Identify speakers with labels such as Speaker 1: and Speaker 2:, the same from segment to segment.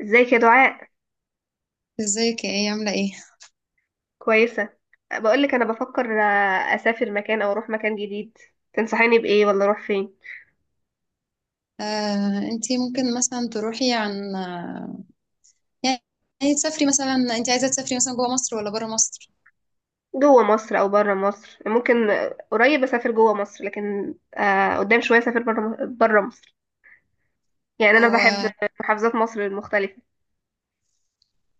Speaker 1: ازيك يا دعاء؟
Speaker 2: ازيك يا ايه عاملة ايه؟
Speaker 1: كويسة. بقولك انا بفكر اسافر مكان او اروح مكان جديد. تنصحيني بايه ولا اروح فين؟
Speaker 2: انتي ممكن مثلا تروحي عن آه، يعني تسافري مثلا انت عايزة تسافري مثلا جوه مصر ولا بره مصر؟
Speaker 1: جوه مصر او بره مصر، ممكن قريب اسافر جوه مصر، لكن قدام شوية اسافر بره مصر. يعني انا بحب
Speaker 2: هو
Speaker 1: محافظات مصر المختلفة.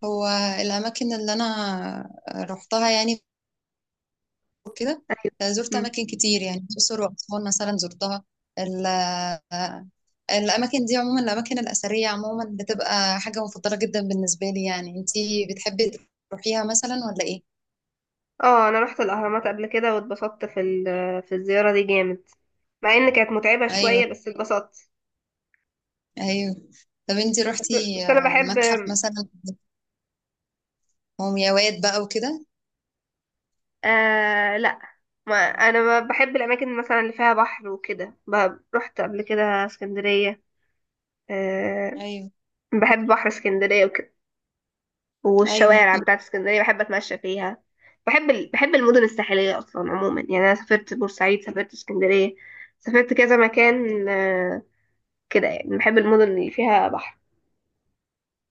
Speaker 2: هو الأماكن اللي أنا رحتها يعني كده.
Speaker 1: ايوه.
Speaker 2: زرت
Speaker 1: مم.
Speaker 2: أماكن كتير يعني الأقصر وأسوان مثلا زرتها. ال- آه، الأماكن دي عموما الأماكن الأثرية عموما بتبقى حاجة مفضلة جدا بالنسبة لي، يعني انتي بتحبي تروحيها مثلا ولا ايه؟
Speaker 1: اه، انا رحت الاهرامات قبل كده واتبسطت في في الزيارة دي جامد. مع ان كانت متعبة
Speaker 2: ايوه،
Speaker 1: شوية، بس اتبسطت.
Speaker 2: ايوه، طب انتي
Speaker 1: بس
Speaker 2: روحتي
Speaker 1: بس انا بحب.
Speaker 2: متحف مثلا ومياوات بقى وكده؟
Speaker 1: آه، لا. ما انا ما بحب الاماكن مثلا اللي فيها بحر وكده، رحت قبل كده اسكندريه. آه.
Speaker 2: ايوه،
Speaker 1: بحب بحر اسكندريه وكده،
Speaker 2: ايوه،
Speaker 1: والشوارع بتاعت اسكندريه بحب اتمشى فيها. بحب المدن الساحليه اصلا عموما، يعني انا سافرت بورسعيد، سافرت اسكندريه، سافرت كذا مكان كده، يعني بحب المدن اللي فيها بحر.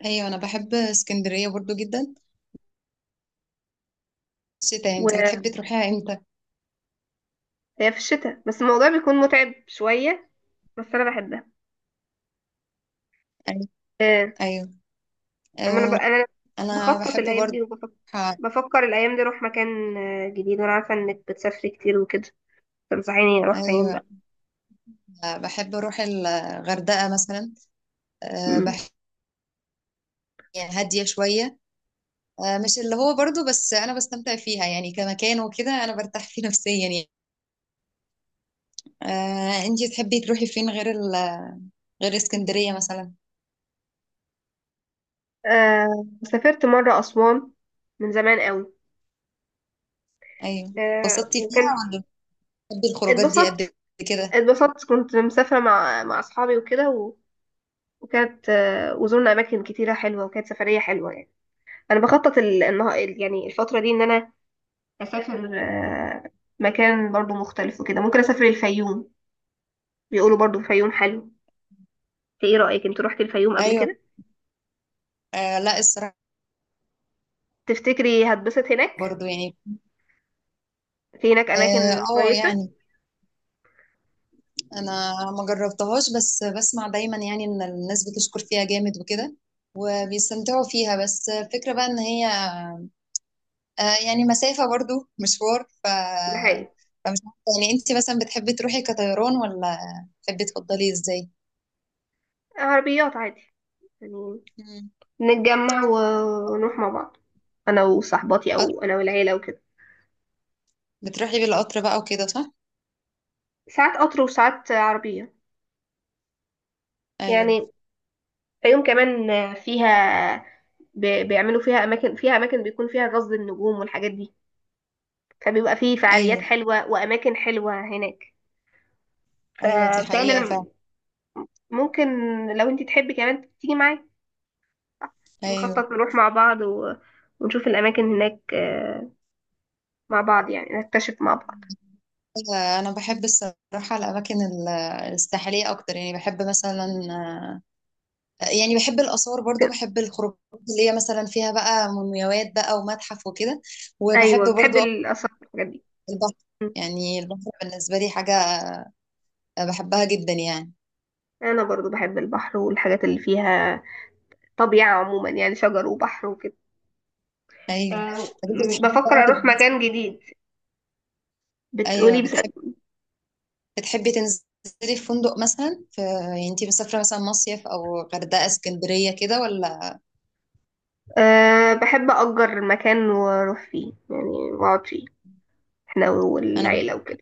Speaker 2: ايوه انا بحب اسكندريه برضو جدا. الشتاء انتي
Speaker 1: وهي
Speaker 2: بتحبي تروحيها امتى؟
Speaker 1: في الشتاء، بس الموضوع بيكون متعب شويه، بس انا بحبها.
Speaker 2: ايوه،
Speaker 1: آه،
Speaker 2: ايوه،
Speaker 1: اما
Speaker 2: آه
Speaker 1: انا
Speaker 2: انا
Speaker 1: بخطط
Speaker 2: بحب
Speaker 1: الايام
Speaker 2: برضو.
Speaker 1: دي وبفكر.
Speaker 2: أروح-
Speaker 1: بفكر الايام دي اروح مكان جديد، وانا عارفه انك بتسافري كتير وكده. تنصحيني اروح فين
Speaker 2: ايوه،
Speaker 1: بقى؟
Speaker 2: بحب اروح الغردقه مثلا. آه
Speaker 1: مم.
Speaker 2: بحب يعني هاديه شويه. آه مش اللي هو برضو، بس انا بستمتع فيها يعني كمكان وكده، انا برتاح فيه نفسيا يعني. آه انتي تحبي تروحي فين غير ال... غير اسكندريه مثلا؟
Speaker 1: سافرت مره اسوان، من زمان قوي.
Speaker 2: ايوه،
Speaker 1: آه
Speaker 2: اتبسطتي فيها
Speaker 1: وكان
Speaker 2: ولا؟ بتحبي الخروجات دي قد
Speaker 1: اتبسطت
Speaker 2: كده؟
Speaker 1: اتبسطت كنت مسافره مع اصحابي وكده وكانت وزورنا اماكن كتيره حلوه، وكانت سفريه حلوه يعني. انا بخطط يعني الفتره دي ان انا اسافر مكان برضو مختلف وكده، ممكن اسافر الفيوم. بيقولوا برضو الفيوم حلو. ايه رأيك؟ انت روحتي الفيوم قبل
Speaker 2: ايوه،
Speaker 1: كده؟
Speaker 2: آه لا الصراحة
Speaker 1: تفتكري هتبسط هناك؟
Speaker 2: برضو يعني.
Speaker 1: في هناك
Speaker 2: اه،
Speaker 1: اماكن كويسة.
Speaker 2: يعني انا ما جربتهاش بس بسمع دايما يعني ان الناس بتشكر فيها جامد وكده وبيستمتعوا فيها، بس الفكرة بقى ان هي آه يعني مسافة برضو مشوار. ف
Speaker 1: ده حقيقي.
Speaker 2: فمش عارفة يعني، انت مثلا بتحبي تروحي كطيران ولا بتحبي تفضلي ازاي؟
Speaker 1: عربيات عادي يعني.
Speaker 2: مم.
Speaker 1: نتجمع ونروح مع بعض، انا وصاحباتي
Speaker 2: قط-
Speaker 1: او انا والعيلة وكده.
Speaker 2: بتروحي بالقطر بقى وكده صح؟
Speaker 1: ساعات قطر وساعات عربية
Speaker 2: ايوه،
Speaker 1: يعني. الفيوم كمان فيها، بيعملوا فيها اماكن بيكون فيها غزل النجوم والحاجات دي. فبيبقى فيه فعاليات
Speaker 2: ايوه،
Speaker 1: حلوة واماكن حلوة هناك.
Speaker 2: ايوه دي
Speaker 1: فبتهيألي
Speaker 2: حقيقة
Speaker 1: أنا
Speaker 2: فعلا.
Speaker 1: ممكن، لو انت تحبي كمان تيجي معايا،
Speaker 2: ايوه
Speaker 1: نخطط نروح مع بعض ونشوف الأماكن هناك مع بعض، يعني نكتشف مع بعض
Speaker 2: انا بحب الصراحه الاماكن الساحليه اكتر، يعني بحب مثلا، يعني بحب الاثار برضو،
Speaker 1: كده.
Speaker 2: بحب الخروجات اللي هي مثلا فيها بقى مومياوات بقى ومتحف وكده، وبحب
Speaker 1: أيوة، بتحب
Speaker 2: برضو أكتر
Speaker 1: الآثار والحاجات دي.
Speaker 2: البحر.
Speaker 1: م.
Speaker 2: يعني البحر بالنسبه لي حاجه بحبها جدا يعني.
Speaker 1: أنا برضو بحب البحر والحاجات اللي فيها طبيعة عموما، يعني شجر وبحر وكده.
Speaker 2: ايوه،
Speaker 1: آه،
Speaker 2: طب انت بتحبي بقى
Speaker 1: بفكر أروح مكان جديد،
Speaker 2: ايوه
Speaker 1: بتقولي بس.
Speaker 2: بتحبي، بتحبي تنزلي في فندق مثلا، في يعني انت مسافره مثلا مصيف او غردقه اسكندريه كده ولا؟
Speaker 1: أه، بحب أجر مكان وأروح فيه يعني، وأقعد فيه احنا
Speaker 2: انا
Speaker 1: والعيلة وكده.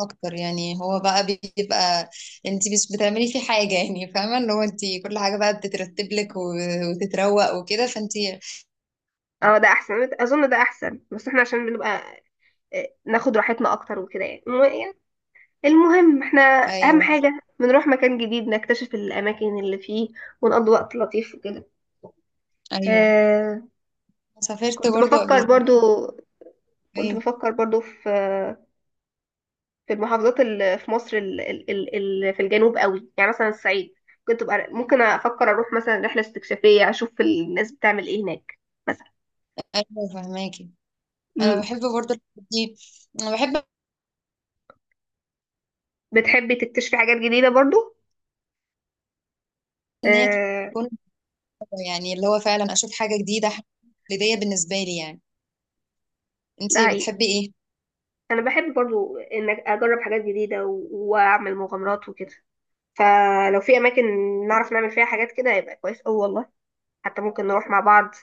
Speaker 2: اكتر يعني، هو بقى بيبقى انت مش بتعملي فيه حاجه يعني، فاهمه اللي هو انت كل حاجه بقى بتترتب لك وتتروق وكده فانت.
Speaker 1: اه، ده احسن، اظن ده احسن، بس احنا عشان بنبقى ناخد راحتنا اكتر وكده يعني. المهم احنا، اهم
Speaker 2: ايوه،
Speaker 1: حاجة بنروح مكان جديد نكتشف الاماكن اللي فيه ونقضي وقت لطيف وكده.
Speaker 2: ايوه،
Speaker 1: آه
Speaker 2: سافرت
Speaker 1: كنت
Speaker 2: برضو قبل
Speaker 1: بفكر
Speaker 2: كده.
Speaker 1: برضو كنت
Speaker 2: ايوه،
Speaker 1: بفكر برضو في المحافظات اللي في مصر اللي في الجنوب قوي، يعني مثلا الصعيد. كنت بقى ممكن افكر اروح مثلا رحلة استكشافية، اشوف الناس بتعمل ايه هناك مثلا.
Speaker 2: ايوه فهماكي. انا
Speaker 1: امم.
Speaker 2: بحب برضو الحاجات دي، انا بحب
Speaker 1: بتحبي تكتشفي حاجات جديدة برضو؟
Speaker 2: ان هي
Speaker 1: آه،
Speaker 2: تكون، يعني اللي هو فعلا اشوف حاجه جديده، حاجة بدايه بالنسبه لي يعني. انت
Speaker 1: ده حقيقي.
Speaker 2: بتحبي ايه؟
Speaker 1: انا بحب برضو ان اجرب حاجات جديدة واعمل مغامرات وكده. فلو في اماكن نعرف نعمل فيها حاجات كده، يبقى كويس أوي والله. حتى ممكن نروح مع بعض،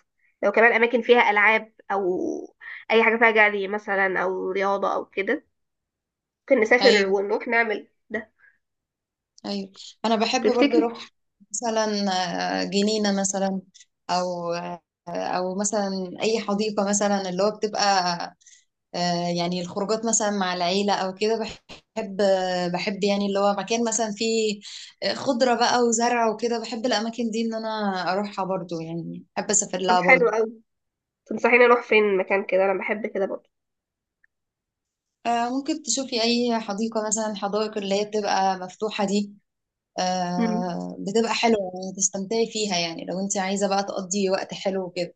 Speaker 1: لو كمان اماكن فيها العاب او اي حاجه فيها جري مثلا او رياضه او كده، ممكن نسافر
Speaker 2: ايوه،
Speaker 1: ونروح نعمل ده.
Speaker 2: ايوه، انا بحب برضو
Speaker 1: تفتكري؟
Speaker 2: اروح مثلا جنينه مثلا، او او مثلا اي حديقه مثلا، اللي هو بتبقى يعني الخروجات مثلا مع العيله او كده، بحب بحب يعني اللي هو مكان مثلا فيه خضره بقى وزرع وكده. بحب الاماكن دي ان انا اروحها برضو، يعني بحب اسافر
Speaker 1: طب
Speaker 2: لها
Speaker 1: حلو
Speaker 2: برضو.
Speaker 1: أوي. تنصحيني اروح فين مكان كده؟ انا بحب كده برضه.
Speaker 2: ممكن تشوفي اي حديقه مثلا، الحدائق اللي هي بتبقى مفتوحه دي
Speaker 1: مم.
Speaker 2: بتبقى حلوه يعني تستمتعي فيها، يعني لو انت عايزه بقى تقضي وقت حلو وكده.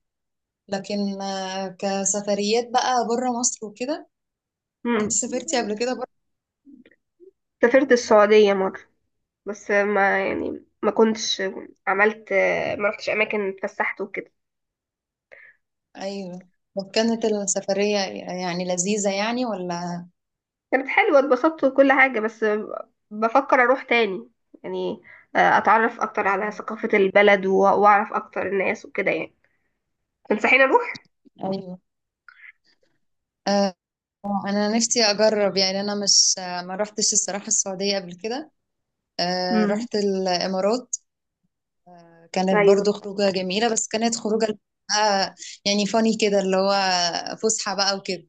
Speaker 2: لكن كسفريات بقى بره مصر وكده، انت
Speaker 1: مم.
Speaker 2: سافرتي قبل كده؟
Speaker 1: سافرت السعوديه مره، بس ما يعني ما كنتش عملت، ما رحتش اماكن اتفسحت وكده.
Speaker 2: ايوه، وكانت السفرية يعني لذيذة يعني ولا؟
Speaker 1: كانت حلوة، اتبسطت وكل حاجة، بس بفكر أروح تاني يعني. أتعرف أكتر على
Speaker 2: ايوه،
Speaker 1: ثقافة البلد وأعرف أكتر الناس وكده يعني. تنصحيني أروح؟
Speaker 2: ايوه، آه انا نفسي اجرب، يعني انا مش ما رحتش الصراحة السعودية قبل كده. آه
Speaker 1: مم.
Speaker 2: رحت الامارات، كانت
Speaker 1: أيوة.
Speaker 2: برضو خروجة جميلة بس كانت خروجة آه يعني فاني كده اللي هو فسحة بقى وكده،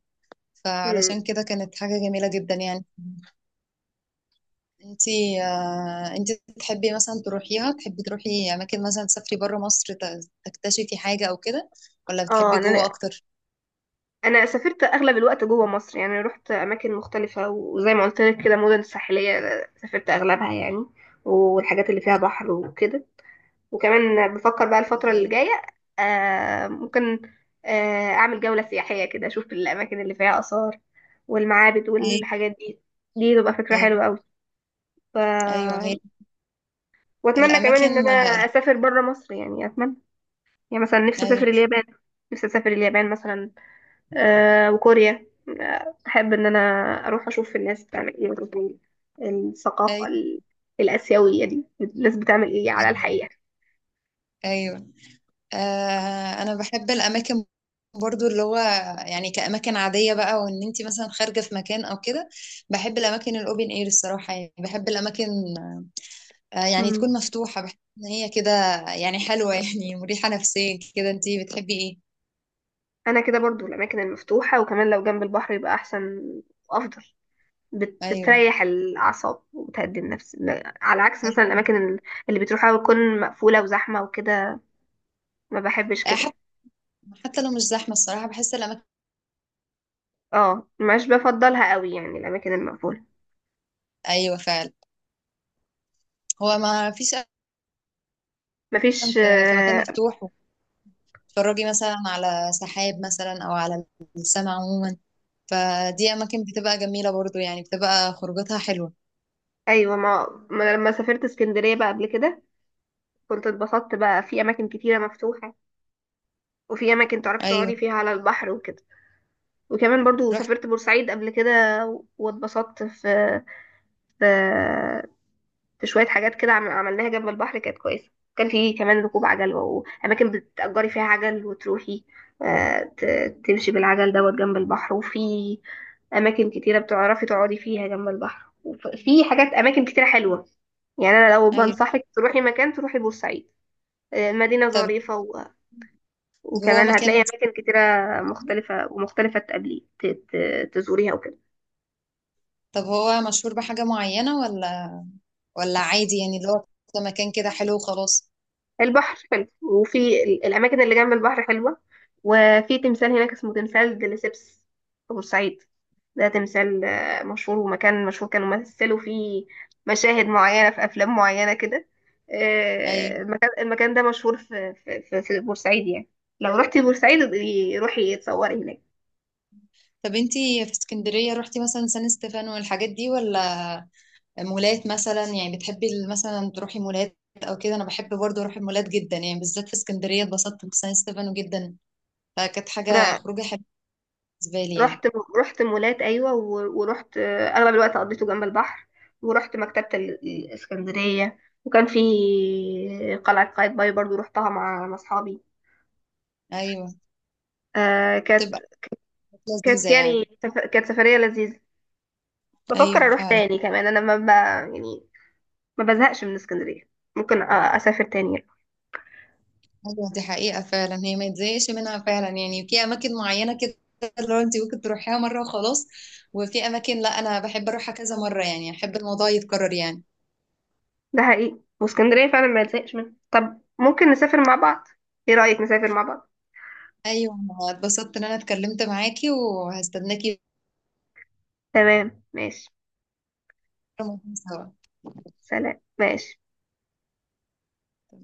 Speaker 1: مم.
Speaker 2: فعلشان كده كانت حاجة جميلة جدا يعني. انتي آه انتي تحبي مثلا تروحيها، تحبي تروحي اماكن مثلا تسافري بره مصر تكتشفي حاجة او كده، ولا
Speaker 1: اه،
Speaker 2: بتحبي جوه
Speaker 1: انا
Speaker 2: اكتر؟
Speaker 1: انا سافرت اغلب الوقت جوه مصر، يعني رحت اماكن مختلفه وزي ما قلت لك كده مدن ساحليه. سافرت اغلبها يعني، والحاجات اللي فيها
Speaker 2: ايوه،
Speaker 1: بحر وكده. وكمان بفكر بقى الفترة اللي
Speaker 2: ايوه،
Speaker 1: جاية، ممكن أعمل جولة سياحية كده، أشوف الأماكن اللي فيها آثار والمعابد والحاجات دي. دي تبقى فكرة
Speaker 2: ايوه،
Speaker 1: حلوة أوي. ف...
Speaker 2: ايوه، أيوة، أيوة، أيوة، أيوة، هي
Speaker 1: وأتمنى كمان إن
Speaker 2: الاماكن.
Speaker 1: أنا
Speaker 2: ايوه،
Speaker 1: أسافر برا مصر، يعني أتمنى. يعني مثلا نفسي أسافر اليابان مثلا. وكوريا. أحب إن أنا أروح أشوف الناس بتعمل إيه، وأشوف الثقافة
Speaker 2: ايوه،
Speaker 1: الآسيوية دي، الناس بتعمل إيه على
Speaker 2: ايوه،
Speaker 1: الحقيقة.
Speaker 2: ايوه، آه انا بحب الاماكن برضو، اللي هو يعني كاماكن عاديه بقى، وان انت مثلا خارجه في مكان او كده، بحب الاماكن الاوبن اير الصراحه. يعني بحب الاماكن آه يعني تكون مفتوحه، بحس ان هي كده يعني حلوه يعني مريحه نفسيا كده. انت بتحبي ايه؟
Speaker 1: انا كده برضو الاماكن المفتوحه، وكمان لو جنب البحر يبقى احسن وافضل.
Speaker 2: ايوه،
Speaker 1: بتريح الاعصاب وبتهدي النفس، لا، على عكس مثلا
Speaker 2: ايوه،
Speaker 1: الاماكن اللي بتروحها بتكون مقفوله وزحمه وكده. ما بحبش
Speaker 2: آه، حتى
Speaker 1: كده.
Speaker 2: حتى لو مش زحمه الصراحه بحس الاماكن.
Speaker 1: اه، مش بفضلها قوي يعني الاماكن المقفوله.
Speaker 2: ايوه فعلا، هو ما فيش أحسن
Speaker 1: مفيش
Speaker 2: في في مكان مفتوح، تتفرجي مثلا على سحاب مثلا او على السماء عموما، فدي اماكن بتبقى جميله برضو، يعني بتبقى خروجاتها حلوه.
Speaker 1: ايوه، ما أنا لما سافرت اسكندريه بقى قبل كده، كنت اتبسطت بقى في اماكن كتيره مفتوحه، وفي اماكن تعرفي
Speaker 2: ايوه
Speaker 1: تقعدي فيها على البحر وكده. وكمان برضو
Speaker 2: رحت.
Speaker 1: سافرت بورسعيد قبل كده، واتبسطت في في شوية حاجات كده عملناها جنب البحر، كانت كويسة. كان في كمان ركوب عجل وأماكن بتأجري فيها عجل وتروحي، تمشي بالعجل دوت جنب البحر، وفي أماكن كتيرة بتعرفي تقعدي فيها جنب البحر، وفي حاجات أماكن كتيرة حلوة. يعني أنا لو
Speaker 2: ايوه،
Speaker 1: بنصحك تروحي مكان، تروحي بورسعيد. مدينة
Speaker 2: طب.
Speaker 1: ظريفة
Speaker 2: طب هو
Speaker 1: وكمان
Speaker 2: مكان
Speaker 1: هتلاقي أماكن كتيرة
Speaker 2: مشهور؟
Speaker 1: مختلفة ومختلفة تقابلي تزوريها وكده.
Speaker 2: طب هو مشهور بحاجه معينه ولا، ولا عادي يعني اللي هو مكان كده حلو وخلاص؟
Speaker 1: البحر حلو، وفي الأماكن اللي جنب البحر حلوة. وفي تمثال هناك اسمه تمثال دليسيبس في بورسعيد. ده تمثال مشهور، ومكان مشهور كانوا مثلوا فيه مشاهد معينة في أفلام معينة كده.
Speaker 2: ايوه،
Speaker 1: المكان ده مشهور في بورسعيد يعني. لو رحتي بورسعيد، ابقي روحي اتصوري هناك.
Speaker 2: طب انتي في اسكندريه رحتي مثلا سان ستيفانو والحاجات دي ولا؟ مولات مثلا، يعني بتحبي مثلا تروحي مولات او كده؟ انا بحب برضو اروح المولات جدا يعني، بالذات في اسكندريه اتبسطت بسان ستيفانو جدا، فكانت حاجه خروجه حلوه بالنسبة لي يعني.
Speaker 1: رحت رحت مولات، ايوه، ورحت اغلب الوقت قضيته جنب البحر. ورحت مكتبه الاسكندريه. وكان في قلعه قايتباي، برضو رحتها مع اصحابي.
Speaker 2: أيوة،
Speaker 1: آه كانت
Speaker 2: تبقى حاجات
Speaker 1: كانت
Speaker 2: لذيذة
Speaker 1: يعني
Speaker 2: يعني.
Speaker 1: كانت سفريه لذيذه. بفكر
Speaker 2: أيوة
Speaker 1: اروح
Speaker 2: فعلا،
Speaker 1: تاني كمان، انا ما ب... يعني ما بزهقش من اسكندريه، ممكن اسافر تاني يعني.
Speaker 2: أيوة دي حقيقة فعلا، هي ما تزهقش منها فعلا يعني. في أماكن معينة كده اللي هو أنت ممكن تروحيها مرة وخلاص، وفي أماكن لا، أنا بحب أروحها كذا مرة يعني، أحب الموضوع يتكرر يعني.
Speaker 1: ده حقيقي، واسكندريه فعلا ما بزهقش منها، طب ممكن نسافر مع بعض. ايه رايك نسافر مع بعض؟
Speaker 2: أيوة، أنا اتبسطت إن أنا اتكلمت معاكي، وهستناكي
Speaker 1: تمام، ماشي.
Speaker 2: مرة سوا.
Speaker 1: سلام، ماشي.